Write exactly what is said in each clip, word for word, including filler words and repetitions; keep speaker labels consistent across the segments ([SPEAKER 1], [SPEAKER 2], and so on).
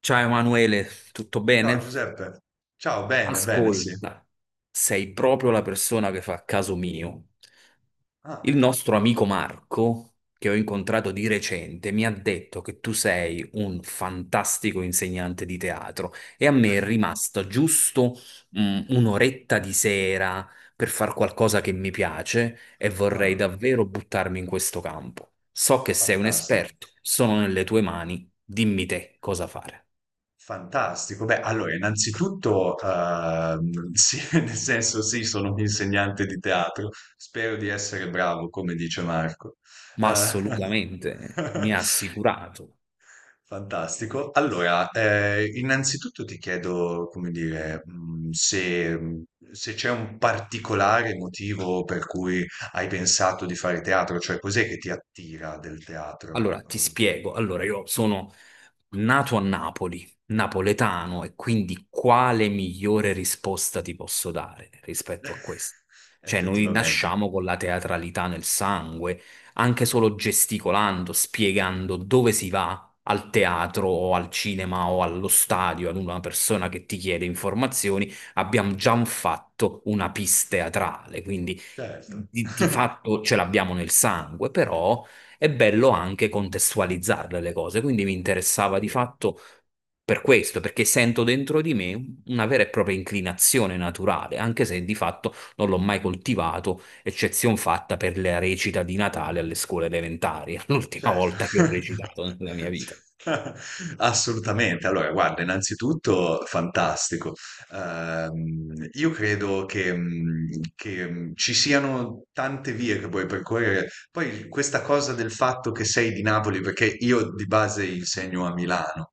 [SPEAKER 1] Ciao Emanuele, tutto
[SPEAKER 2] Ciao
[SPEAKER 1] bene?
[SPEAKER 2] Giuseppe, ciao, bene, bene, sì.
[SPEAKER 1] Ascolta, sei proprio la persona che fa caso mio.
[SPEAKER 2] Ah,
[SPEAKER 1] Il nostro amico Marco, che ho incontrato di recente, mi ha detto che tu sei un fantastico insegnante di teatro e a me è rimasta giusto, mm, un'oretta di sera per far qualcosa che mi piace e vorrei
[SPEAKER 2] ah,
[SPEAKER 1] davvero buttarmi in questo campo. So che sei un
[SPEAKER 2] fantastico,
[SPEAKER 1] esperto, sono nelle tue mani, dimmi te cosa fare.
[SPEAKER 2] fantastico. Beh, allora, innanzitutto, ehm, sì, nel senso sì, sono un insegnante di teatro, spero di essere bravo, come dice Marco.
[SPEAKER 1] Ma
[SPEAKER 2] Eh,
[SPEAKER 1] assolutamente mi ha assicurato.
[SPEAKER 2] Fantastico. Allora, eh, innanzitutto ti chiedo, come dire, mh, se, se c'è un particolare motivo per cui hai pensato di fare teatro, cioè cos'è che ti attira del teatro?
[SPEAKER 1] Allora, ti spiego. Allora, io sono nato a Napoli, napoletano, e quindi quale migliore risposta ti posso dare rispetto a
[SPEAKER 2] eh,
[SPEAKER 1] questo? Cioè, noi
[SPEAKER 2] Effettivamente.
[SPEAKER 1] nasciamo con la teatralità nel sangue, anche solo gesticolando, spiegando dove si va al teatro o al cinema o allo stadio ad una persona che ti chiede informazioni, abbiamo già fatto una pista teatrale, quindi
[SPEAKER 2] Certo.
[SPEAKER 1] di di fatto ce l'abbiamo nel sangue, però è bello anche contestualizzarle le cose, quindi mi interessava di fatto per questo, perché sento dentro di me una vera e propria inclinazione naturale, anche se di fatto non l'ho mai coltivato, eccezion fatta per la recita di Natale alle scuole elementari, l'ultima
[SPEAKER 2] Certo.
[SPEAKER 1] volta che ho recitato nella mia vita.
[SPEAKER 2] Assolutamente. Allora, guarda, innanzitutto fantastico. Ehm, io credo che, mh, che, mh, ci siano tante vie che puoi percorrere. Poi questa cosa del fatto che sei di Napoli, perché io di base insegno a Milano.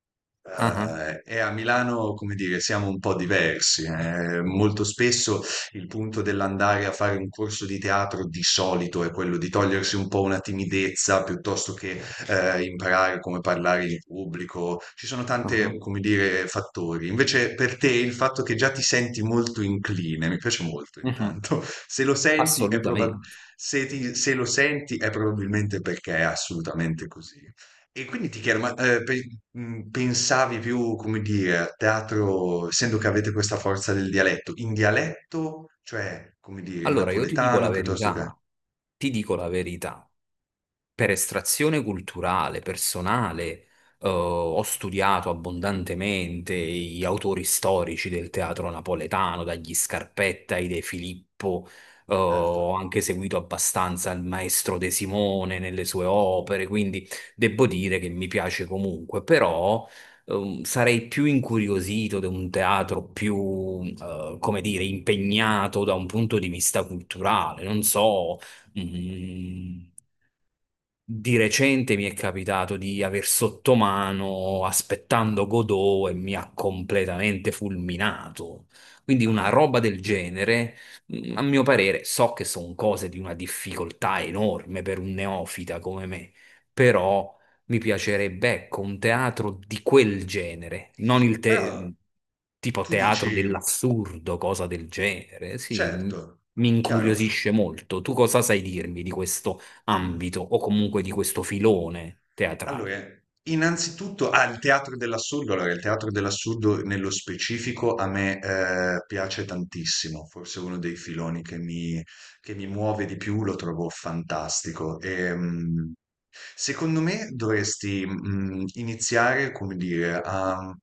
[SPEAKER 1] Ah, ah,
[SPEAKER 2] eh, E a Milano, come dire, siamo un po' diversi. eh. Molto spesso il punto dell'andare a fare un corso di teatro di solito è quello di togliersi un po' una timidezza piuttosto che eh, imparare come parlare in pubblico. Ci sono
[SPEAKER 1] ah,
[SPEAKER 2] tante, come dire, fattori. Invece per te il fatto che già ti senti molto incline, mi piace molto
[SPEAKER 1] ah.
[SPEAKER 2] intanto, se lo senti è probab-
[SPEAKER 1] Assolutamente.
[SPEAKER 2] se ti- se lo senti è probabilmente perché è assolutamente così. E quindi ti chiedo, ma eh, pe- mh, pensavi più, come dire, a teatro, essendo che avete questa forza del dialetto, in dialetto, cioè, come dire, in
[SPEAKER 1] Allora, io ti dico
[SPEAKER 2] napoletano
[SPEAKER 1] la
[SPEAKER 2] piuttosto che...
[SPEAKER 1] verità, ti dico la verità. Per estrazione culturale, personale, eh, ho studiato abbondantemente gli autori storici del teatro napoletano, dagli Scarpetta ai De Filippo, eh,
[SPEAKER 2] Certo.
[SPEAKER 1] ho anche seguito abbastanza il maestro De Simone nelle sue opere, quindi devo dire che mi piace comunque, però ehm, sarei più incuriosito da un teatro più, eh, come dire, impegnato da un punto di vista culturale, non so. mm, di recente mi è capitato di aver sotto mano aspettando Godot e mi ha completamente fulminato. Quindi
[SPEAKER 2] Ah,
[SPEAKER 1] una
[SPEAKER 2] ah.
[SPEAKER 1] roba del genere, mm, a mio parere, so che sono cose di una difficoltà enorme per un neofita come me, però mi piacerebbe, ecco, un teatro di quel genere, non il
[SPEAKER 2] Però
[SPEAKER 1] te- tipo
[SPEAKER 2] tu
[SPEAKER 1] teatro
[SPEAKER 2] dici,
[SPEAKER 1] dell'assurdo, cosa del genere. Sì, m-
[SPEAKER 2] certo,
[SPEAKER 1] mi
[SPEAKER 2] chiaro.
[SPEAKER 1] incuriosisce molto. Tu cosa sai dirmi di questo?
[SPEAKER 2] mm,
[SPEAKER 1] Ambito o comunque di questo filone
[SPEAKER 2] Allora,
[SPEAKER 1] teatrale.
[SPEAKER 2] innanzitutto, ah, il teatro dell'assurdo, allora, il teatro dell'assurdo nello specifico a me eh, piace tantissimo, forse uno dei filoni che mi, che mi muove di più, lo trovo fantastico. E, mm, secondo me dovresti mm, iniziare, come dire, a,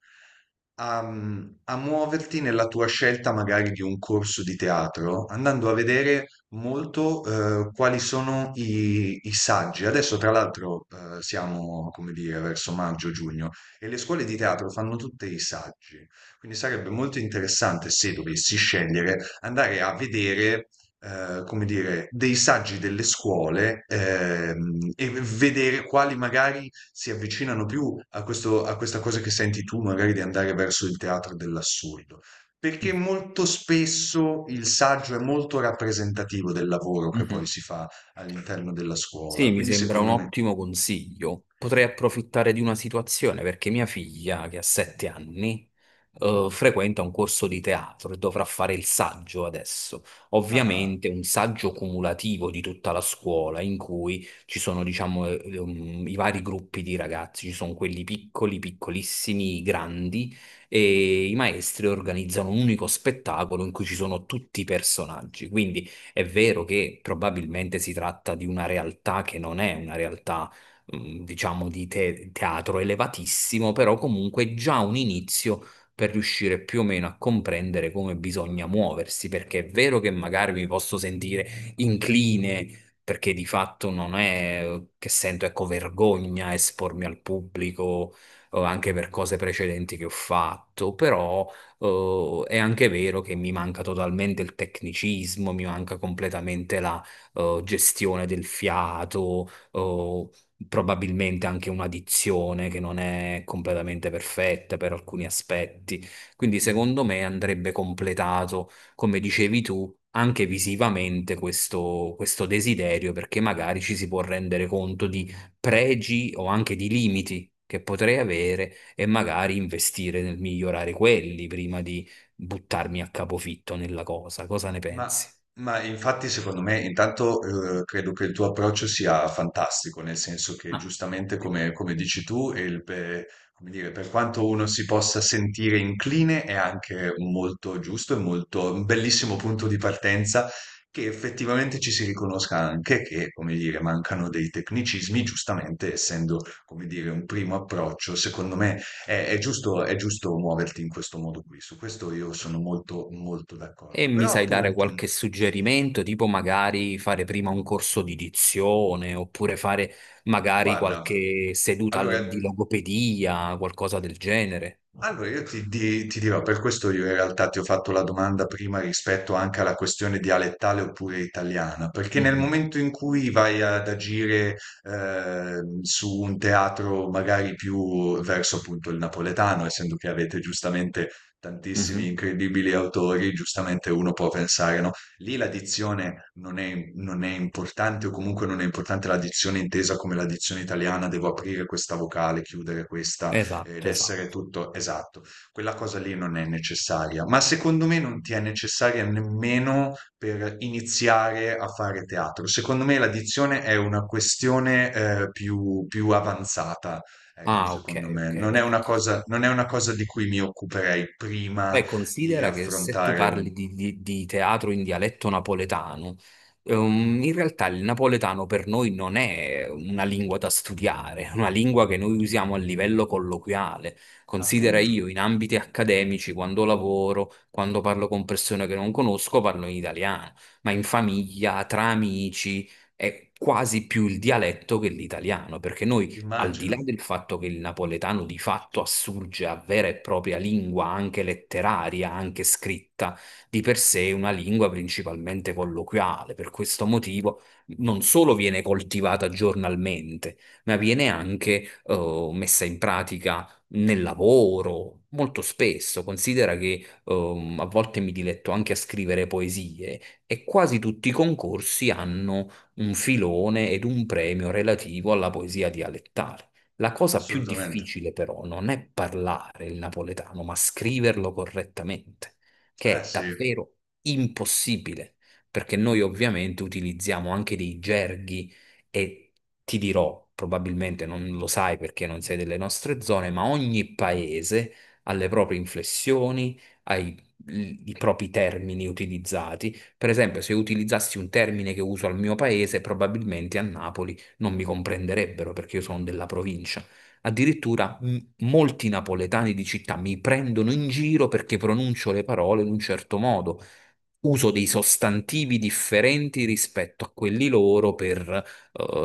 [SPEAKER 2] a, mm, a muoverti nella tua scelta magari di un corso di teatro, andando a vedere molto eh, quali sono i, i saggi. Adesso, tra l'altro, eh, siamo, come dire, verso maggio-giugno e le scuole di teatro fanno tutte i saggi. Quindi sarebbe molto interessante, se dovessi scegliere, andare a vedere. Eh, come dire, dei saggi delle scuole ehm, e vedere quali magari si avvicinano più a questo- a questa cosa che senti tu, magari di andare verso il teatro dell'assurdo. Perché molto spesso il saggio è molto rappresentativo del lavoro che poi
[SPEAKER 1] Mhm.
[SPEAKER 2] si fa all'interno della scuola,
[SPEAKER 1] Sì, mi
[SPEAKER 2] quindi
[SPEAKER 1] sembra un
[SPEAKER 2] secondo me...
[SPEAKER 1] ottimo consiglio. Potrei
[SPEAKER 2] que-
[SPEAKER 1] approfittare di una situazione perché mia figlia, che ha sette anni, eh, frequenta un corso di teatro e dovrà fare il saggio adesso.
[SPEAKER 2] Ah,
[SPEAKER 1] Ovviamente un saggio cumulativo di tutta la scuola in cui ci sono, diciamo, eh, ehm, i vari gruppi di ragazzi, ci sono quelli piccoli, piccolissimi, i grandi e i maestri organizzano un unico spettacolo in cui ci sono tutti i personaggi. Quindi è vero che probabilmente si tratta di una realtà che non è una realtà, mm, diciamo, di te- teatro elevatissimo, però comunque è già un inizio per riuscire più o meno a comprendere come bisogna muoversi, perché è vero che magari mi posso sentire incline. Perché di fatto non è che sento, ecco, vergogna a espormi al pubblico, o anche per cose precedenti che ho fatto, però eh, è anche vero che mi manca totalmente il tecnicismo, mi manca completamente la eh, gestione del fiato, eh, probabilmente anche una dizione che non è completamente perfetta per alcuni aspetti. Quindi secondo me andrebbe completato, come dicevi tu, anche visivamente questo, questo desiderio, perché magari ci si può rendere conto di pregi o anche di limiti che potrei avere e magari investire nel migliorare quelli prima di buttarmi a capofitto nella cosa. Cosa ne
[SPEAKER 2] Ma,
[SPEAKER 1] pensi?
[SPEAKER 2] ma infatti secondo me intanto eh, credo che il tuo approccio sia fantastico, nel senso che
[SPEAKER 1] Ah,
[SPEAKER 2] giustamente
[SPEAKER 1] ottimo.
[SPEAKER 2] come, come dici tu, e il pe- come dire, per quanto uno si possa sentire incline è anche molto giusto e molto un bellissimo punto di partenza che effettivamente ci si riconosca anche che, come dire, mancano dei tecnicismi, giustamente essendo, come dire, un primo approccio, secondo me è, è giusto, è giusto muoverti in questo modo qui, su questo io sono molto, molto
[SPEAKER 1] E
[SPEAKER 2] d'accordo.
[SPEAKER 1] mi
[SPEAKER 2] Però
[SPEAKER 1] sai dare
[SPEAKER 2] appunto,
[SPEAKER 1] qualche suggerimento, tipo magari fare prima un corso di dizione, oppure fare magari
[SPEAKER 2] guarda,
[SPEAKER 1] qualche seduta
[SPEAKER 2] allora
[SPEAKER 1] al- di logopedia, qualcosa del genere.
[SPEAKER 2] allora, io ti, di- ti dirò, per questo io in realtà ti ho fatto la domanda prima rispetto anche alla questione dialettale oppure italiana, perché nel
[SPEAKER 1] Mhm,
[SPEAKER 2] momento in cui vai ad agire eh, su un teatro magari più verso appunto il napoletano, essendo che avete giustamente tantissimi
[SPEAKER 1] mhm.
[SPEAKER 2] incredibili autori, giustamente uno può pensare, no? Lì la dizione non è, non è importante o comunque non è importante la dizione intesa come la dizione italiana, devo aprire questa vocale, chiudere questa ed
[SPEAKER 1] Esatto,
[SPEAKER 2] essere
[SPEAKER 1] esatto.
[SPEAKER 2] tutto esatto. Quella cosa lì non è necessaria, ma secondo me non ti è necessaria nemmeno per iniziare a fare teatro. Secondo me l'addizione è una questione eh, più, più avanzata. Ecco,
[SPEAKER 1] Ah, ok,
[SPEAKER 2] secondo me
[SPEAKER 1] ok,
[SPEAKER 2] non è una
[SPEAKER 1] perfetto.
[SPEAKER 2] cosa, non è una cosa di cui mi occuperei prima
[SPEAKER 1] Beh,
[SPEAKER 2] di
[SPEAKER 1] considera che se tu
[SPEAKER 2] affrontare un
[SPEAKER 1] parli di, di- di teatro in dialetto napoletano, ehm, in realtà il napoletano per noi non è una lingua da studiare, è una lingua che noi usiamo a livello colloquiale. Considera
[SPEAKER 2] appunto.
[SPEAKER 1] io in ambiti accademici, quando lavoro, quando parlo con persone che non conosco, parlo in italiano, ma in famiglia, tra amici, è quasi più il dialetto che l'italiano, perché noi al di là
[SPEAKER 2] Immagino,
[SPEAKER 1] del fatto che il napoletano di fatto assurge a vera e propria lingua, anche letteraria, anche scritta, di per sé è una lingua principalmente colloquiale. Per questo motivo non solo viene coltivata giornalmente, ma viene anche eh, messa in pratica nel lavoro. Molto spesso, considera che ehm, a volte mi diletto anche a scrivere poesie e quasi tutti i concorsi hanno un filone ed un premio relativo alla poesia dialettale. La cosa più
[SPEAKER 2] assolutamente.
[SPEAKER 1] difficile però non è parlare il napoletano, ma scriverlo correttamente,
[SPEAKER 2] Eh
[SPEAKER 1] che è
[SPEAKER 2] sì.
[SPEAKER 1] davvero impossibile, perché noi ovviamente utilizziamo anche dei gerghi e ti dirò, probabilmente non lo sai perché non sei delle nostre zone, ma ogni paese ha le proprie inflessioni, ha i i propri termini utilizzati. Per esempio, se utilizzassi un termine che uso al mio paese, probabilmente a Napoli non mi comprenderebbero perché io sono della provincia. Addirittura m- molti napoletani di città mi prendono in giro perché pronuncio le parole in un certo modo. Uso dei sostantivi differenti rispetto a quelli loro per eh,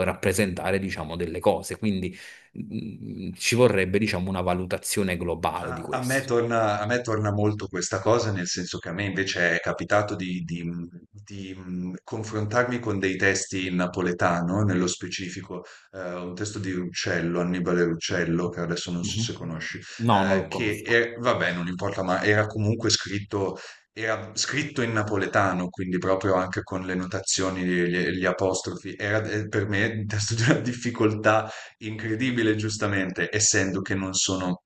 [SPEAKER 1] rappresentare, diciamo, delle cose. Quindi mm, ci vorrebbe, diciamo, una valutazione globale di
[SPEAKER 2] A, a me
[SPEAKER 1] questo.
[SPEAKER 2] torna, a me torna molto questa cosa, nel senso che a me invece è capitato di, di, di, mh, confrontarmi con dei testi in napoletano, nello specifico eh, un testo di Ruccello, Annibale Ruccello, che adesso non so
[SPEAKER 1] Mhm.
[SPEAKER 2] se conosci,
[SPEAKER 1] No, non
[SPEAKER 2] eh,
[SPEAKER 1] lo
[SPEAKER 2] che
[SPEAKER 1] conosco.
[SPEAKER 2] è- vabbè, non importa, ma era comunque scritto, era scritto in napoletano, quindi proprio anche con le notazioni, gli, gli apostrofi, era eh, per me un testo di una difficoltà incredibile, giustamente, essendo che non sono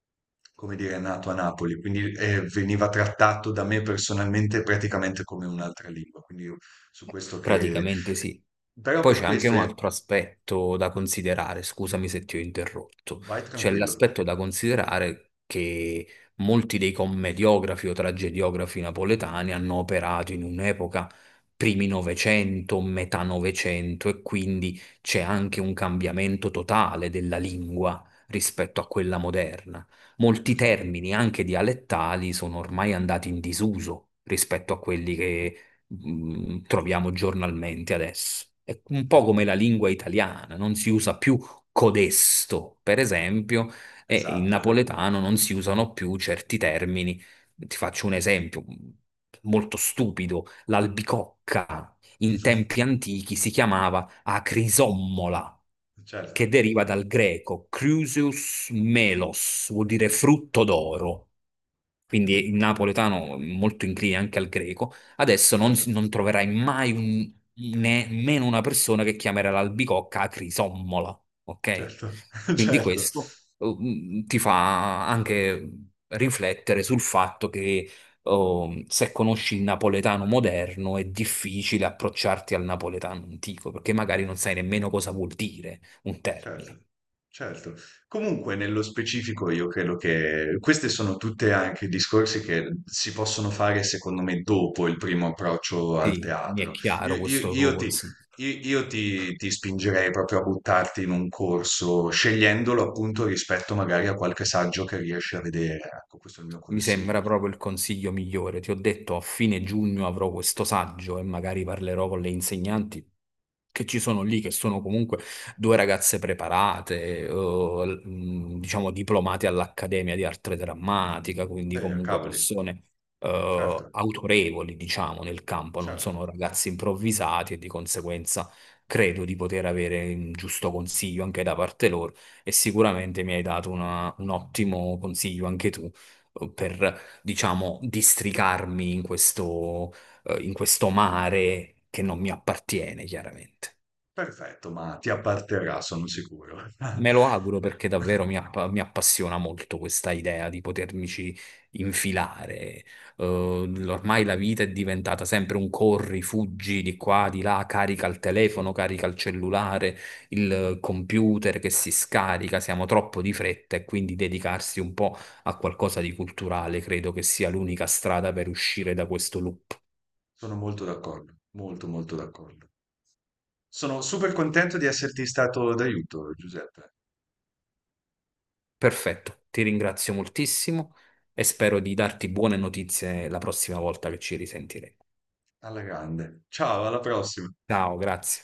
[SPEAKER 2] come dire, è nato a Napoli, quindi eh, veniva trattato da me personalmente praticamente come un'altra lingua. Quindi io su questo che...
[SPEAKER 1] Praticamente sì.
[SPEAKER 2] Però
[SPEAKER 1] Poi
[SPEAKER 2] per
[SPEAKER 1] c'è anche
[SPEAKER 2] questo
[SPEAKER 1] un
[SPEAKER 2] è...
[SPEAKER 1] altro aspetto da considerare, scusami se ti ho interrotto,
[SPEAKER 2] vai
[SPEAKER 1] c'è
[SPEAKER 2] tranquillo,
[SPEAKER 1] l'aspetto da considerare che molti dei commediografi o tragediografi napoletani hanno operato in un'epoca primi Novecento, metà Novecento e quindi c'è anche un cambiamento totale della lingua rispetto a quella moderna.
[SPEAKER 2] è
[SPEAKER 1] Molti
[SPEAKER 2] così.
[SPEAKER 1] termini, anche dialettali, sono ormai andati in disuso rispetto a quelli che mh, troviamo giornalmente adesso. È un
[SPEAKER 2] Eh,
[SPEAKER 1] po' come la lingua italiana, non si usa più codesto, per esempio, e in
[SPEAKER 2] Esatto.
[SPEAKER 1] napoletano non si usano più certi termini. Ti faccio un esempio mm, molto stupido, l'albicocca in tempi antichi si chiamava acrisommola,
[SPEAKER 2] Certo,
[SPEAKER 1] che deriva dal greco crusius melos, vuol dire frutto d'oro. Quindi il napoletano è molto incline anche al greco. Adesso non,
[SPEAKER 2] certo,
[SPEAKER 1] si- non troverai mai un- nemmeno una persona che chiamerà l'albicocca a crisommola, ok?
[SPEAKER 2] certo,
[SPEAKER 1] Quindi
[SPEAKER 2] certo.
[SPEAKER 1] questo eh, ti fa anche riflettere sul fatto che oh, se conosci il napoletano moderno è difficile approcciarti al napoletano antico, perché magari non sai nemmeno cosa vuol dire un termine.
[SPEAKER 2] Certo, certo. Comunque, nello specifico, io credo che queste sono tutte anche discorsi che si possono fare, secondo me, dopo il primo approccio al
[SPEAKER 1] Sì, mi è
[SPEAKER 2] teatro. Io,
[SPEAKER 1] chiaro
[SPEAKER 2] io-
[SPEAKER 1] questo tuo
[SPEAKER 2] io ti,
[SPEAKER 1] consiglio.
[SPEAKER 2] io- io ti- ti spingerei proprio a buttarti in un corso, scegliendolo appunto rispetto magari a qualche saggio che riesci a vedere. Ecco, questo è il mio
[SPEAKER 1] Mi sembra
[SPEAKER 2] consiglio.
[SPEAKER 1] proprio il consiglio migliore. Ti ho detto, a fine giugno avrò questo saggio e magari parlerò con le insegnanti che ci sono lì, che sono comunque due ragazze preparate, eh, l- mh, diciamo diplomate all'Accademia di Arte Drammatica, quindi
[SPEAKER 2] Eh,
[SPEAKER 1] comunque
[SPEAKER 2] cavoli,
[SPEAKER 1] persone eh,
[SPEAKER 2] certo,
[SPEAKER 1] autorevoli, diciamo, nel campo, non
[SPEAKER 2] certo.
[SPEAKER 1] sono ragazzi improvvisati e di conseguenza credo di poter avere un giusto consiglio anche da parte loro e sicuramente mi hai dato una- un ottimo consiglio anche tu eh, per, diciamo, districarmi in questo, eh, in questo mare che non mi appartiene, chiaramente.
[SPEAKER 2] Perfetto, ma ti apparterà, sono sicuro.
[SPEAKER 1] Me lo auguro perché davvero mi, app- mi appassiona molto questa idea di potermici infilare. Eh, Ormai la vita è diventata sempre un corri, fuggi di qua, di là, carica il telefono, carica il cellulare, il computer che si scarica, siamo troppo di fretta e quindi dedicarsi un po' a qualcosa di culturale credo che sia l'unica strada per uscire da questo loop.
[SPEAKER 2] Sono molto d'accordo, molto, molto d'accordo. Sono super contento di esserti stato d'aiuto, Giuseppe.
[SPEAKER 1] Perfetto, ti ringrazio moltissimo e spero di darti buone notizie la prossima volta che ci risentiremo.
[SPEAKER 2] Alla grande. Ciao, alla prossima.
[SPEAKER 1] Ciao, grazie.